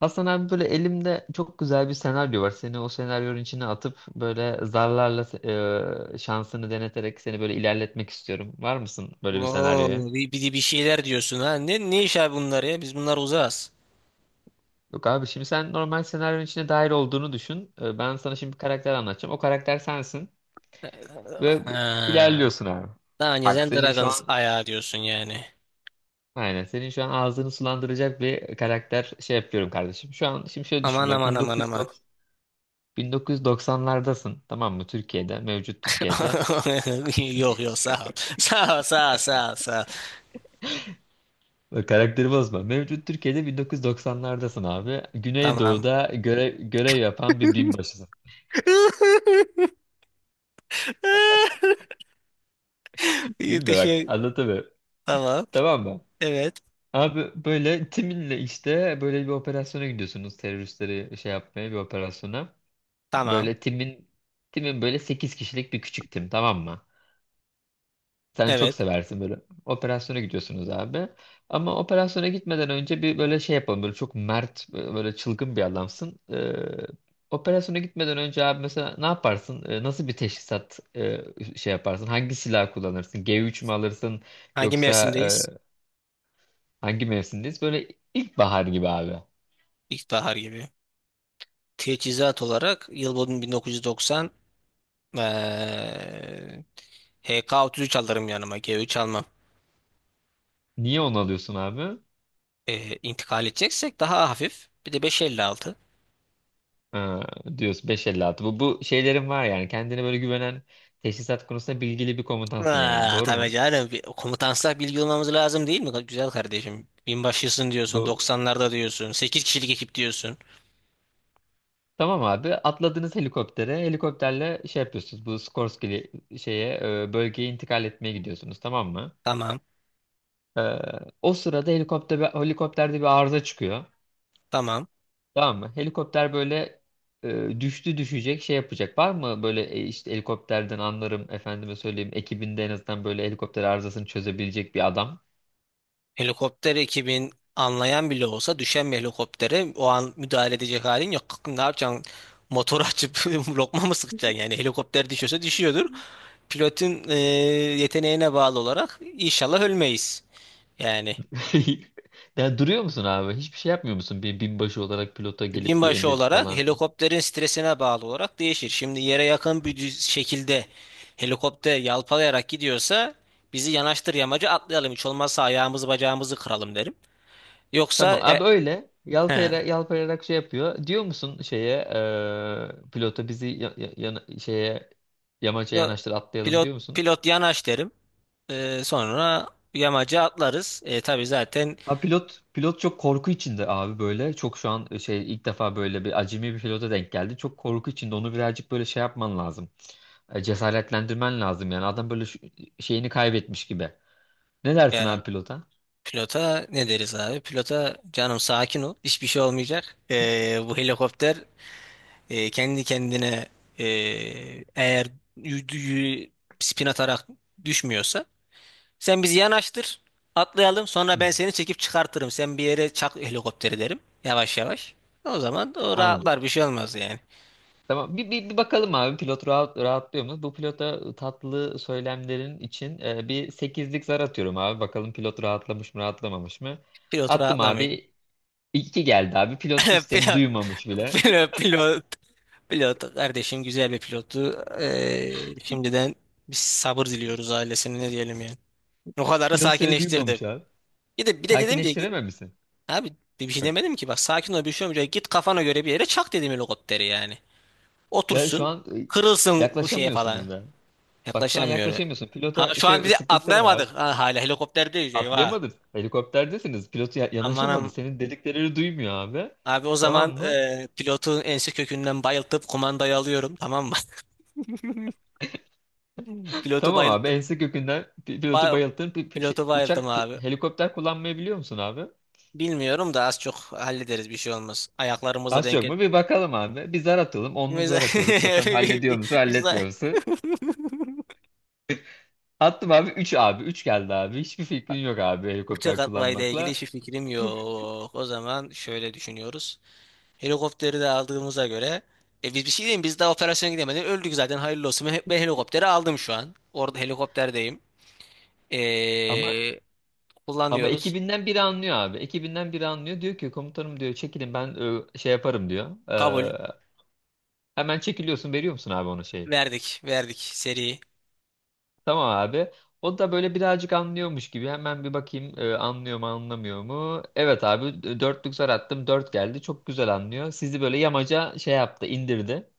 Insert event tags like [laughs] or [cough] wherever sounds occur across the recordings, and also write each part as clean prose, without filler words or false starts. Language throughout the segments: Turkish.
Hasan abi, böyle elimde çok güzel bir senaryo var. Seni o senaryonun içine atıp böyle zarlarla şansını deneterek seni böyle ilerletmek istiyorum. Var mısın böyle bir senaryoya? Oo, bir şeyler diyorsun ha. Ne iş abi bunlar ya? Biz bunlar uzağız. Yok abi, şimdi sen normal senaryonun içine dahil olduğunu düşün. Ben sana şimdi bir karakter anlatacağım. O karakter sensin ve Ha. ilerliyorsun abi. Daha önce Bak, sen senin şu Dragons an ayağı diyorsun yani. aynen senin şu an ağzını sulandıracak bir karakter şey yapıyorum kardeşim. Şu an şimdi şöyle Aman düşünme, aman aman aman. 1990'lardasın, tamam mı? Türkiye'de, mevcut Türkiye'de. [laughs] Yok yok, sağ ol. Sağ ol, sağ ol, sağ ol, sağ ol. Bak, karakteri bozma. Mevcut Türkiye'de 1990'lardasın abi. Tamam. Güneydoğu'da görev yapan bir binbaşısın. [laughs] İyi, Gülme bak, teşekkür. anlatamıyorum. Tamam. Tamam mı? Evet. Abi böyle timinle işte böyle bir operasyona gidiyorsunuz. Teröristleri şey yapmaya bir operasyona. Tamam. Böyle timin böyle 8 kişilik bir küçük tim, tamam mı? Sen çok Evet. seversin böyle. Operasyona gidiyorsunuz abi. Ama operasyona gitmeden önce bir böyle şey yapalım. Böyle çok mert, böyle çılgın bir adamsın. Operasyona gitmeden önce abi mesela ne yaparsın? Nasıl bir teşhisat şey yaparsın? Hangi silah kullanırsın? G3 mü alırsın? Hangi Yoksa mevsimdeyiz? Hangi mevsimdeyiz? Böyle ilkbahar gibi abi. İlkbahar gibi. Teçhizat olarak yıl boyunca 1990, eee HK-33 alırım yanıma. G3 almam. Niye onu alıyorsun abi? İntikal edeceksek daha hafif. Bir de 556. Ha, diyorsun 5.56. Bu şeylerin var yani. Kendine böyle güvenen, teşhisat konusunda bilgili bir komutansın yani. Aa, Doğru tabii mu? canım. Bir, komutansak bilgi olmamız lazım değil mi? Güzel kardeşim. Binbaşısın diyorsun. 90'larda diyorsun. Sekiz kişilik ekip diyorsun. Tamam abi, atladınız helikoptere, helikopterle şey yapıyorsunuz, bu Skorsky şeye bölgeye intikal etmeye gidiyorsunuz, tamam mı? Tamam. E, o sırada, helikopterde bir arıza çıkıyor, Tamam. tamam mı? Helikopter böyle düştü düşecek şey yapacak, var mı böyle işte helikopterden anlarım, efendime söyleyeyim, ekibinde en azından böyle helikopter arızasını çözebilecek bir adam? Helikopter ekibin anlayan bile olsa düşen bir helikoptere o an müdahale edecek halin yok. Kalkın, ne yapacaksın? Motor açıp [laughs] lokma mı sıkacaksın? Yani helikopter düşüyorsa düşüyordur. Pilotun yeteneğine bağlı olarak inşallah ölmeyiz. Yani. [laughs] Ya duruyor musun abi, hiçbir şey yapmıyor musun bir binbaşı olarak pilota gelip bir Binbaşı emret olarak falan? helikopterin stresine bağlı olarak değişir. Şimdi yere yakın bir şekilde helikopter yalpalayarak gidiyorsa bizi yanaştır, yamacı atlayalım. Hiç olmazsa ayağımızı bacağımızı kıralım derim. Yoksa Tamam abi, öyle. he, Yalpayarak şey yapıyor. Diyor musun şeye pilota bizi şeye, yamaca pilo- yanaştır atlayalım pilot, diyor musun? Yanaş derim. E, sonra yamacı atlarız. E, tabii zaten. Ha, pilot çok korku içinde abi böyle. Çok şu an şey, ilk defa böyle bir acemi bir pilota denk geldi. Çok korku içinde, onu birazcık böyle şey yapman lazım. Cesaretlendirmen lazım yani. Adam böyle şeyini kaybetmiş gibi. Ne dersin e, abi pilota? Pilota ne deriz abi? Pilota canım, sakin ol. Hiçbir şey olmayacak. E, bu helikopter E, kendi kendine, e, eğer y- y- spin atarak düşmüyorsa sen bizi yanaştır, atlayalım, sonra Hı. ben seni çekip çıkartırım. Sen bir yere çak helikopteri derim, yavaş yavaş. O zaman o Anladım. rahatlar, bir şey olmaz yani. Tamam, bir bakalım abi, pilot rahatlıyor mu? Bu pilota tatlı söylemlerin için bir sekizlik zar atıyorum abi. Bakalım pilot rahatlamış mı rahatlamamış mı? Pilot Attım rahatlamıyor. abi. İki geldi abi. Pilot hiç [laughs] seni Pilot, duymamış bile. pilot, pilot, pilot kardeşim, güzel bir pilottu. E, şimdiden biz sabır diliyoruz ailesine, ne diyelim yani. O [laughs] kadar da Pilot seni duymamış sakinleştirdi. abi. Bir de dedim ki. Sakinleştirememişsin. Abi, bir şey Bak, demedim ki, bak, sakin ol, bir şey olmayacak. Git kafana göre bir yere çak dedim helikopteri yani. ya şu Otursun an kırılsın bu şeye falan. yaklaşamıyorsunuz da. Bak şu an Yaklaşamıyor. Öyle. yaklaşamıyorsun. Ha, Pilota şu an şey, bizi sıkıntı var abi. atlayamadık. Ha, hala helikopterdeyiz, eyvah. Atlayamadın. Helikopterdesiniz. Pilot yanaşamadı. Amanım Senin dediklerini duymuyor abi. abi, o zaman Tamam mı? pilotun ensi kökünden bayıltıp kumandayı alıyorum, tamam mı? [laughs] Pilotu Tamam abi, bayılttım. ense kökünden pilotu Ba bayılttın. Pilotu bayılttım abi. Helikopter kullanmayı biliyor musun abi? Bilmiyorum da az çok hallederiz, bir şey olmaz. Ayaklarımızla Az çok denge. mu? Bir bakalım abi. Bir zar atalım. 10'luk [laughs] zar atıyoruz. Biz, Bakalım hallediyor musun biz de... halletmiyor musun? Attım abi, 3 abi. Üç geldi abi. Hiçbir fikrin yok abi Uçak helikopter atmayla ilgili kullanmakla. hiçbir fikrim yok. O zaman şöyle düşünüyoruz. Helikopteri de aldığımıza göre, biz bir şey diyeyim, biz daha operasyona gidemedik. Öldük zaten, hayırlı olsun. Ben helikopteri aldım şu an. Orada helikopterdeyim. Ama Ee, ama Kullanıyoruz. ekibinden biri anlıyor abi. Ekibinden biri anlıyor. Diyor ki komutanım, diyor çekilin, ben şey yaparım diyor. Kabul. Hemen çekiliyorsun, veriyor musun abi ona şeyi? Verdik. Verdik. Seri. Tamam abi. O da böyle birazcık anlıyormuş gibi. Hemen bir bakayım anlıyor mu anlamıyor mu? Evet abi, dörtlük zar attım. Dört geldi. Çok güzel anlıyor. Sizi böyle yamaca şey yaptı, indirdi.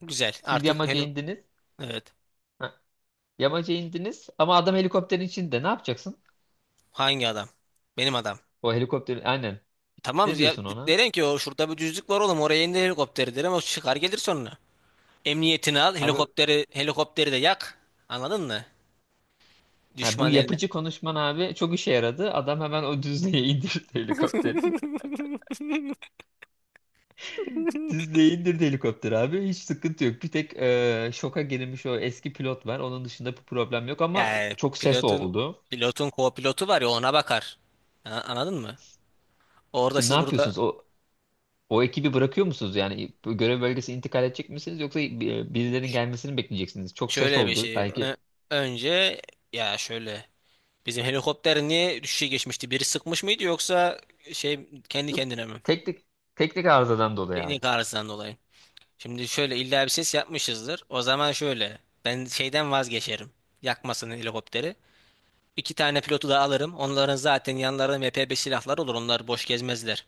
Güzel. Siz Artık yamaca heli... indiniz. Evet. Ha, yamaca indiniz ama adam helikopterin içinde. Ne yapacaksın? Hangi adam? Benim adam. O helikopterin aynen. Tamam Ne ya, diyorsun ona? derim ki o şurada bir düzlük var oğlum, oraya indir helikopteri derim, o çıkar gelir sonra. Emniyetini al Abi, helikopteri, helikopteri de yak. Anladın mı? ha, bu Düşman el. yapıcı konuşman abi çok işe yaradı. Adam hemen o düzlüğe [laughs] indirdi helikopteri. Dizle'ye indirdi helikopter abi. Hiç sıkıntı yok. Bir tek şoka girilmiş o eski pilot var. Onun dışında bir problem yok ama Yani çok ses pilotun oldu. pilotun co-pilotu var ya, ona bakar. Ha, anladın mı? Orada Şimdi ne siz, burada yapıyorsunuz? O ekibi bırakıyor musunuz? Yani bu görev bölgesi intikal edecek misiniz? Yoksa birilerinin gelmesini mi bekleyeceksiniz? Çok ses şöyle bir oldu. şey Belki... Ö- önce ya şöyle bizim helikopter niye düşüşe geçmişti? Biri sıkmış mıydı, yoksa şey kendi Yok, kendine mi? teknik teknik arızadan dolayı abi. Teknik arızadan dolayı. Şimdi şöyle, illa bir ses yapmışızdır. O zaman şöyle ben şeyden vazgeçerim. Yakmasın helikopteri. İki tane pilotu da alırım. Onların zaten yanlarında MP5 silahları olur. Onlar boş gezmezler.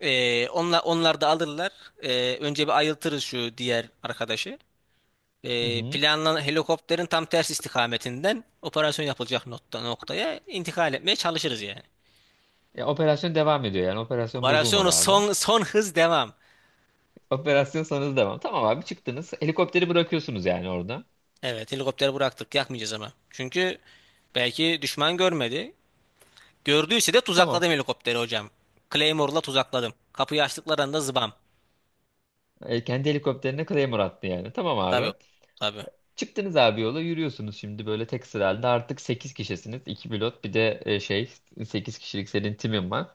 Onlar, onlar da alırlar. Önce bir ayıltırız şu diğer arkadaşı. Hı hı. Planlanan helikopterin tam ters istikametinden operasyon yapılacak noktaya intikal etmeye çalışırız yani. Ya, operasyon devam ediyor yani. Operasyon bozulmadı Operasyonu abi. Son hız devam. Operasyon sonrası devam. Tamam abi, çıktınız. Helikopteri bırakıyorsunuz yani orada. Evet, helikopteri bıraktık, yakmayacağız ama. Çünkü belki düşman görmedi. Gördüyse de tuzakladım Tamam. helikopteri hocam. Claymore'la tuzakladım. Kapıyı açtıkları anda zıbam. Kendi helikopterine Claymore attı yani. Tamam Tabii. abi. Tabii. Çıktınız abi, yola yürüyorsunuz şimdi böyle tek sıra halinde. Artık 8 kişisiniz. İki pilot bir de şey, 8 kişilik senin timin var.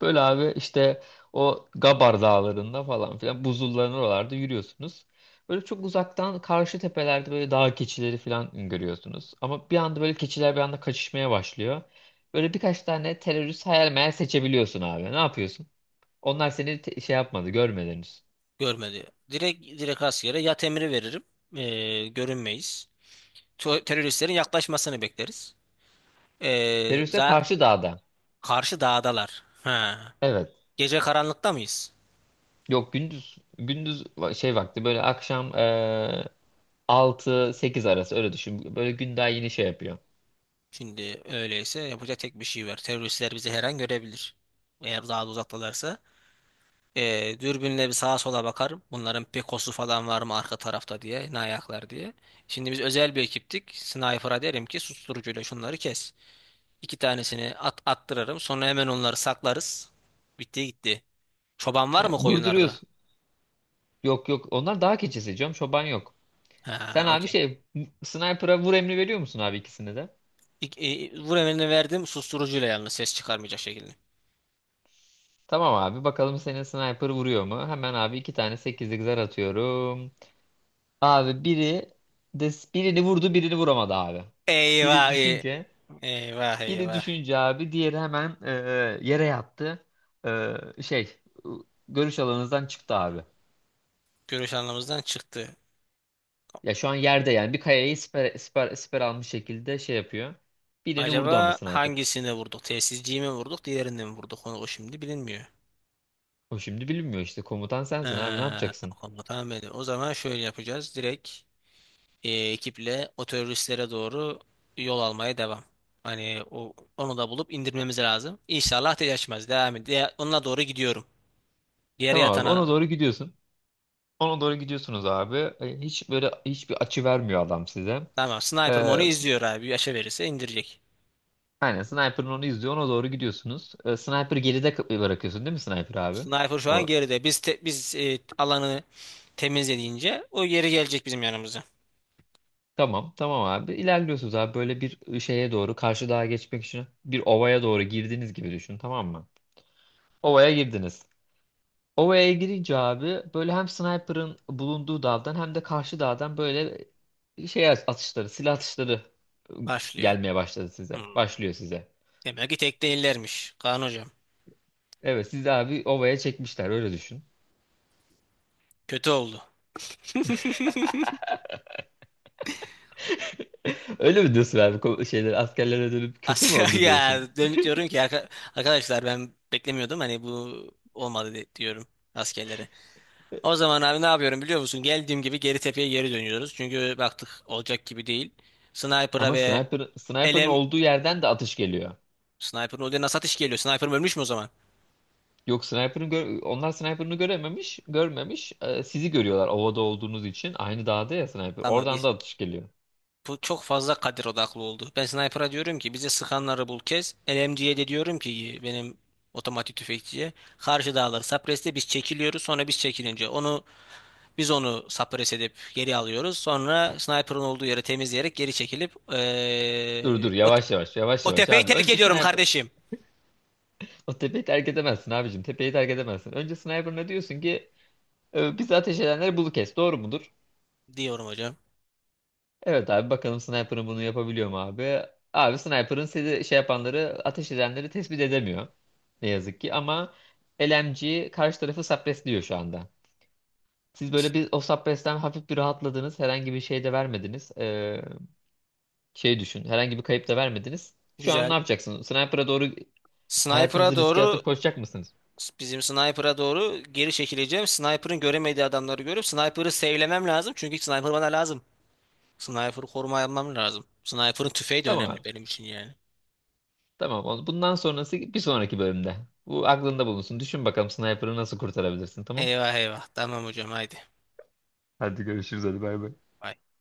Böyle abi, işte o Gabar dağlarında falan filan buzulların oralarda yürüyorsunuz. Böyle çok uzaktan karşı tepelerde böyle dağ keçileri falan görüyorsunuz. Ama bir anda böyle keçiler bir anda kaçışmaya başlıyor. Böyle birkaç tane terörist hayal meyal seçebiliyorsun abi. Ne yapıyorsun? Onlar seni şey yapmadı, görmediniz. Görmedi. Direkt askere yat emri veririm. Görünmeyiz. Teröristlerin yaklaşmasını bekleriz. Teröriste Za karşı dağda. Karşı dağdalar. Ha. Evet. Gece karanlıkta mıyız? Yok, gündüz şey vakti, böyle akşam 6-8 arası öyle düşün. Böyle gün daha yeni şey yapıyor. Şimdi öyleyse yapacak tek bir şey var. Teröristler bizi her an görebilir. Eğer daha da uzaktalarsa. Dürbünle bir sağa sola bakarım. Bunların pekosu falan var mı arka tarafta diye. Ne ayaklar diye. Şimdi biz özel bir ekiptik. Sniper'a derim ki susturucuyla şunları kes. İki tanesini attırırım. Sonra hemen onları saklarız. Bitti gitti. Çoban var Ha, mı koyunlarda? vurduruyorsun. Yok yok, onlar daha keçisi canım, çoban yok. Sen Ha, abi okey. şey sniper'a vur emri veriyor musun abi ikisini de? Vur emrini verdim, susturucuyla, yalnız ses çıkarmayacak şekilde. Tamam abi, bakalım senin sniper vuruyor mu? Hemen abi iki tane 8'lik zar atıyorum. Abi biri de birini vurdu, birini vuramadı abi. Biri Eyvah e- düşünce Eyvah Biri eyvah. düşünce abi, diğeri hemen yere yattı. E, şey, görüş alanınızdan çıktı abi. Görüş anlamımızdan çıktı. Ya şu an yerde yani, bir kayayı siper almış şekilde şey yapıyor. Birini Acaba vurdu ama sniper. hangisini vurduk? Telsizciyi mi vurduk? Diğerini mi vurduk? Onu o şimdi bilinmiyor. O şimdi bilinmiyor işte. Komutan sensin abi, ne Ha, yapacaksın? onu tahmin edeyim. O zaman şöyle yapacağız. Direkt ekiple o teröristlere doğru yol almaya devam. Hani onu da bulup indirmemiz lazım. İnşallah ateş açmaz. Devam et. Onunla doğru gidiyorum. Diğer Tamam abi, ona yatana. doğru gidiyorsun. Ona doğru gidiyorsunuz abi. Hiç böyle hiçbir açı vermiyor adam size. Tamam. Sniper'ım E, onu izliyor abi. Bir aşağı verirse indirecek. aynen sniper'ın onu izliyor. Ona doğru gidiyorsunuz. Sniper geride bırakıyorsun değil mi sniper abi? Sniper şu an O... geride. Biz alanı temizlediğince o geri gelecek bizim yanımıza. Tamam, tamam abi. İlerliyorsunuz abi, böyle bir şeye doğru, karşı dağa geçmek için bir ovaya doğru girdiğiniz gibi düşün, tamam mı? Ovaya girdiniz. Ovaya girince abi böyle hem sniper'ın bulunduğu dağdan hem de karşı dağdan böyle şey silah atışları ıı, Başlıyor. gelmeye başladı size. Hmm. Başlıyor size. Demek ki tek değillermiş. Kaan hocam. Evet, sizi abi ovaya çekmişler, öyle düşün. Kötü oldu. [laughs] Öyle mi diyorsun abi, şeyler, askerlere dönüp kötü mü [laughs] oldu ya diyorsun? dönüp diyorum ki arkadaşlar ben beklemiyordum. Hani bu olmadı, diyorum askerlere. O zaman abi ne yapıyorum biliyor musun? Geldiğim gibi geri tepeye geri dönüyoruz. Çünkü baktık olacak gibi değil. Sniper'a Ama ve sniper'ın LM. olduğu yerden de atış geliyor. Sniper'ın odaya nasıl ateş geliyor? Sniper ölmüş mü o zaman? Yok, sniper'ın onlar sniper'ını görmemiş. Sizi görüyorlar ovada olduğunuz için. Aynı dağda ya sniper. Tamam Oradan da biz atış geliyor. Bu çok fazla kadir odaklı oldu. Ben sniper'a diyorum ki bize sıkanları bul kes. LMG'ye de diyorum ki benim otomatik tüfekçiye karşı dağları sapreste biz çekiliyoruz. Sonra biz çekilince onu onu sapres edip geri alıyoruz. Sonra sniper'ın olduğu yeri temizleyerek geri çekilip Dur dur, yavaş yavaş, yavaş o yavaş tepeyi abi. terk Önce ediyorum sniper. kardeşim O tepeyi terk edemezsin abicim. Tepeyi terk edemezsin. Önce sniper, ne diyorsun ki bizi ateş edenleri bulu kes. Doğru mudur? diyorum hocam. Evet abi, bakalım sniper'ın bunu yapabiliyor mu abi? Abi sniper'ın sizi şey yapanları, ateş edenleri tespit edemiyor. Ne yazık ki ama LMG karşı tarafı suppressliyor şu anda. Siz böyle bir o Subpress'ten hafif bir rahatladınız. Herhangi bir şey de vermediniz. Şey düşün. Herhangi bir kayıp da vermediniz. Şu an ne Güzel. yapacaksınız? Sniper'a doğru Sniper'a hayatınızı riske doğru atıp koşacak mısınız? Bizim sniper'a doğru geri çekileceğim. Sniper'ın göremediği adamları görüp sniper'ı save'lemem lazım. Çünkü sniper bana lazım. Sniper'ı koruma almam lazım. Sniper'ın tüfeği de Tamam abi. önemli benim için yani. Tamam. Bundan sonrası bir sonraki bölümde. Bu aklında bulunsun. Düşün bakalım sniper'ı nasıl kurtarabilirsin, tamam? Eyvah eyvah. Tamam hocam, haydi. Hadi görüşürüz, hadi bay bay. Bay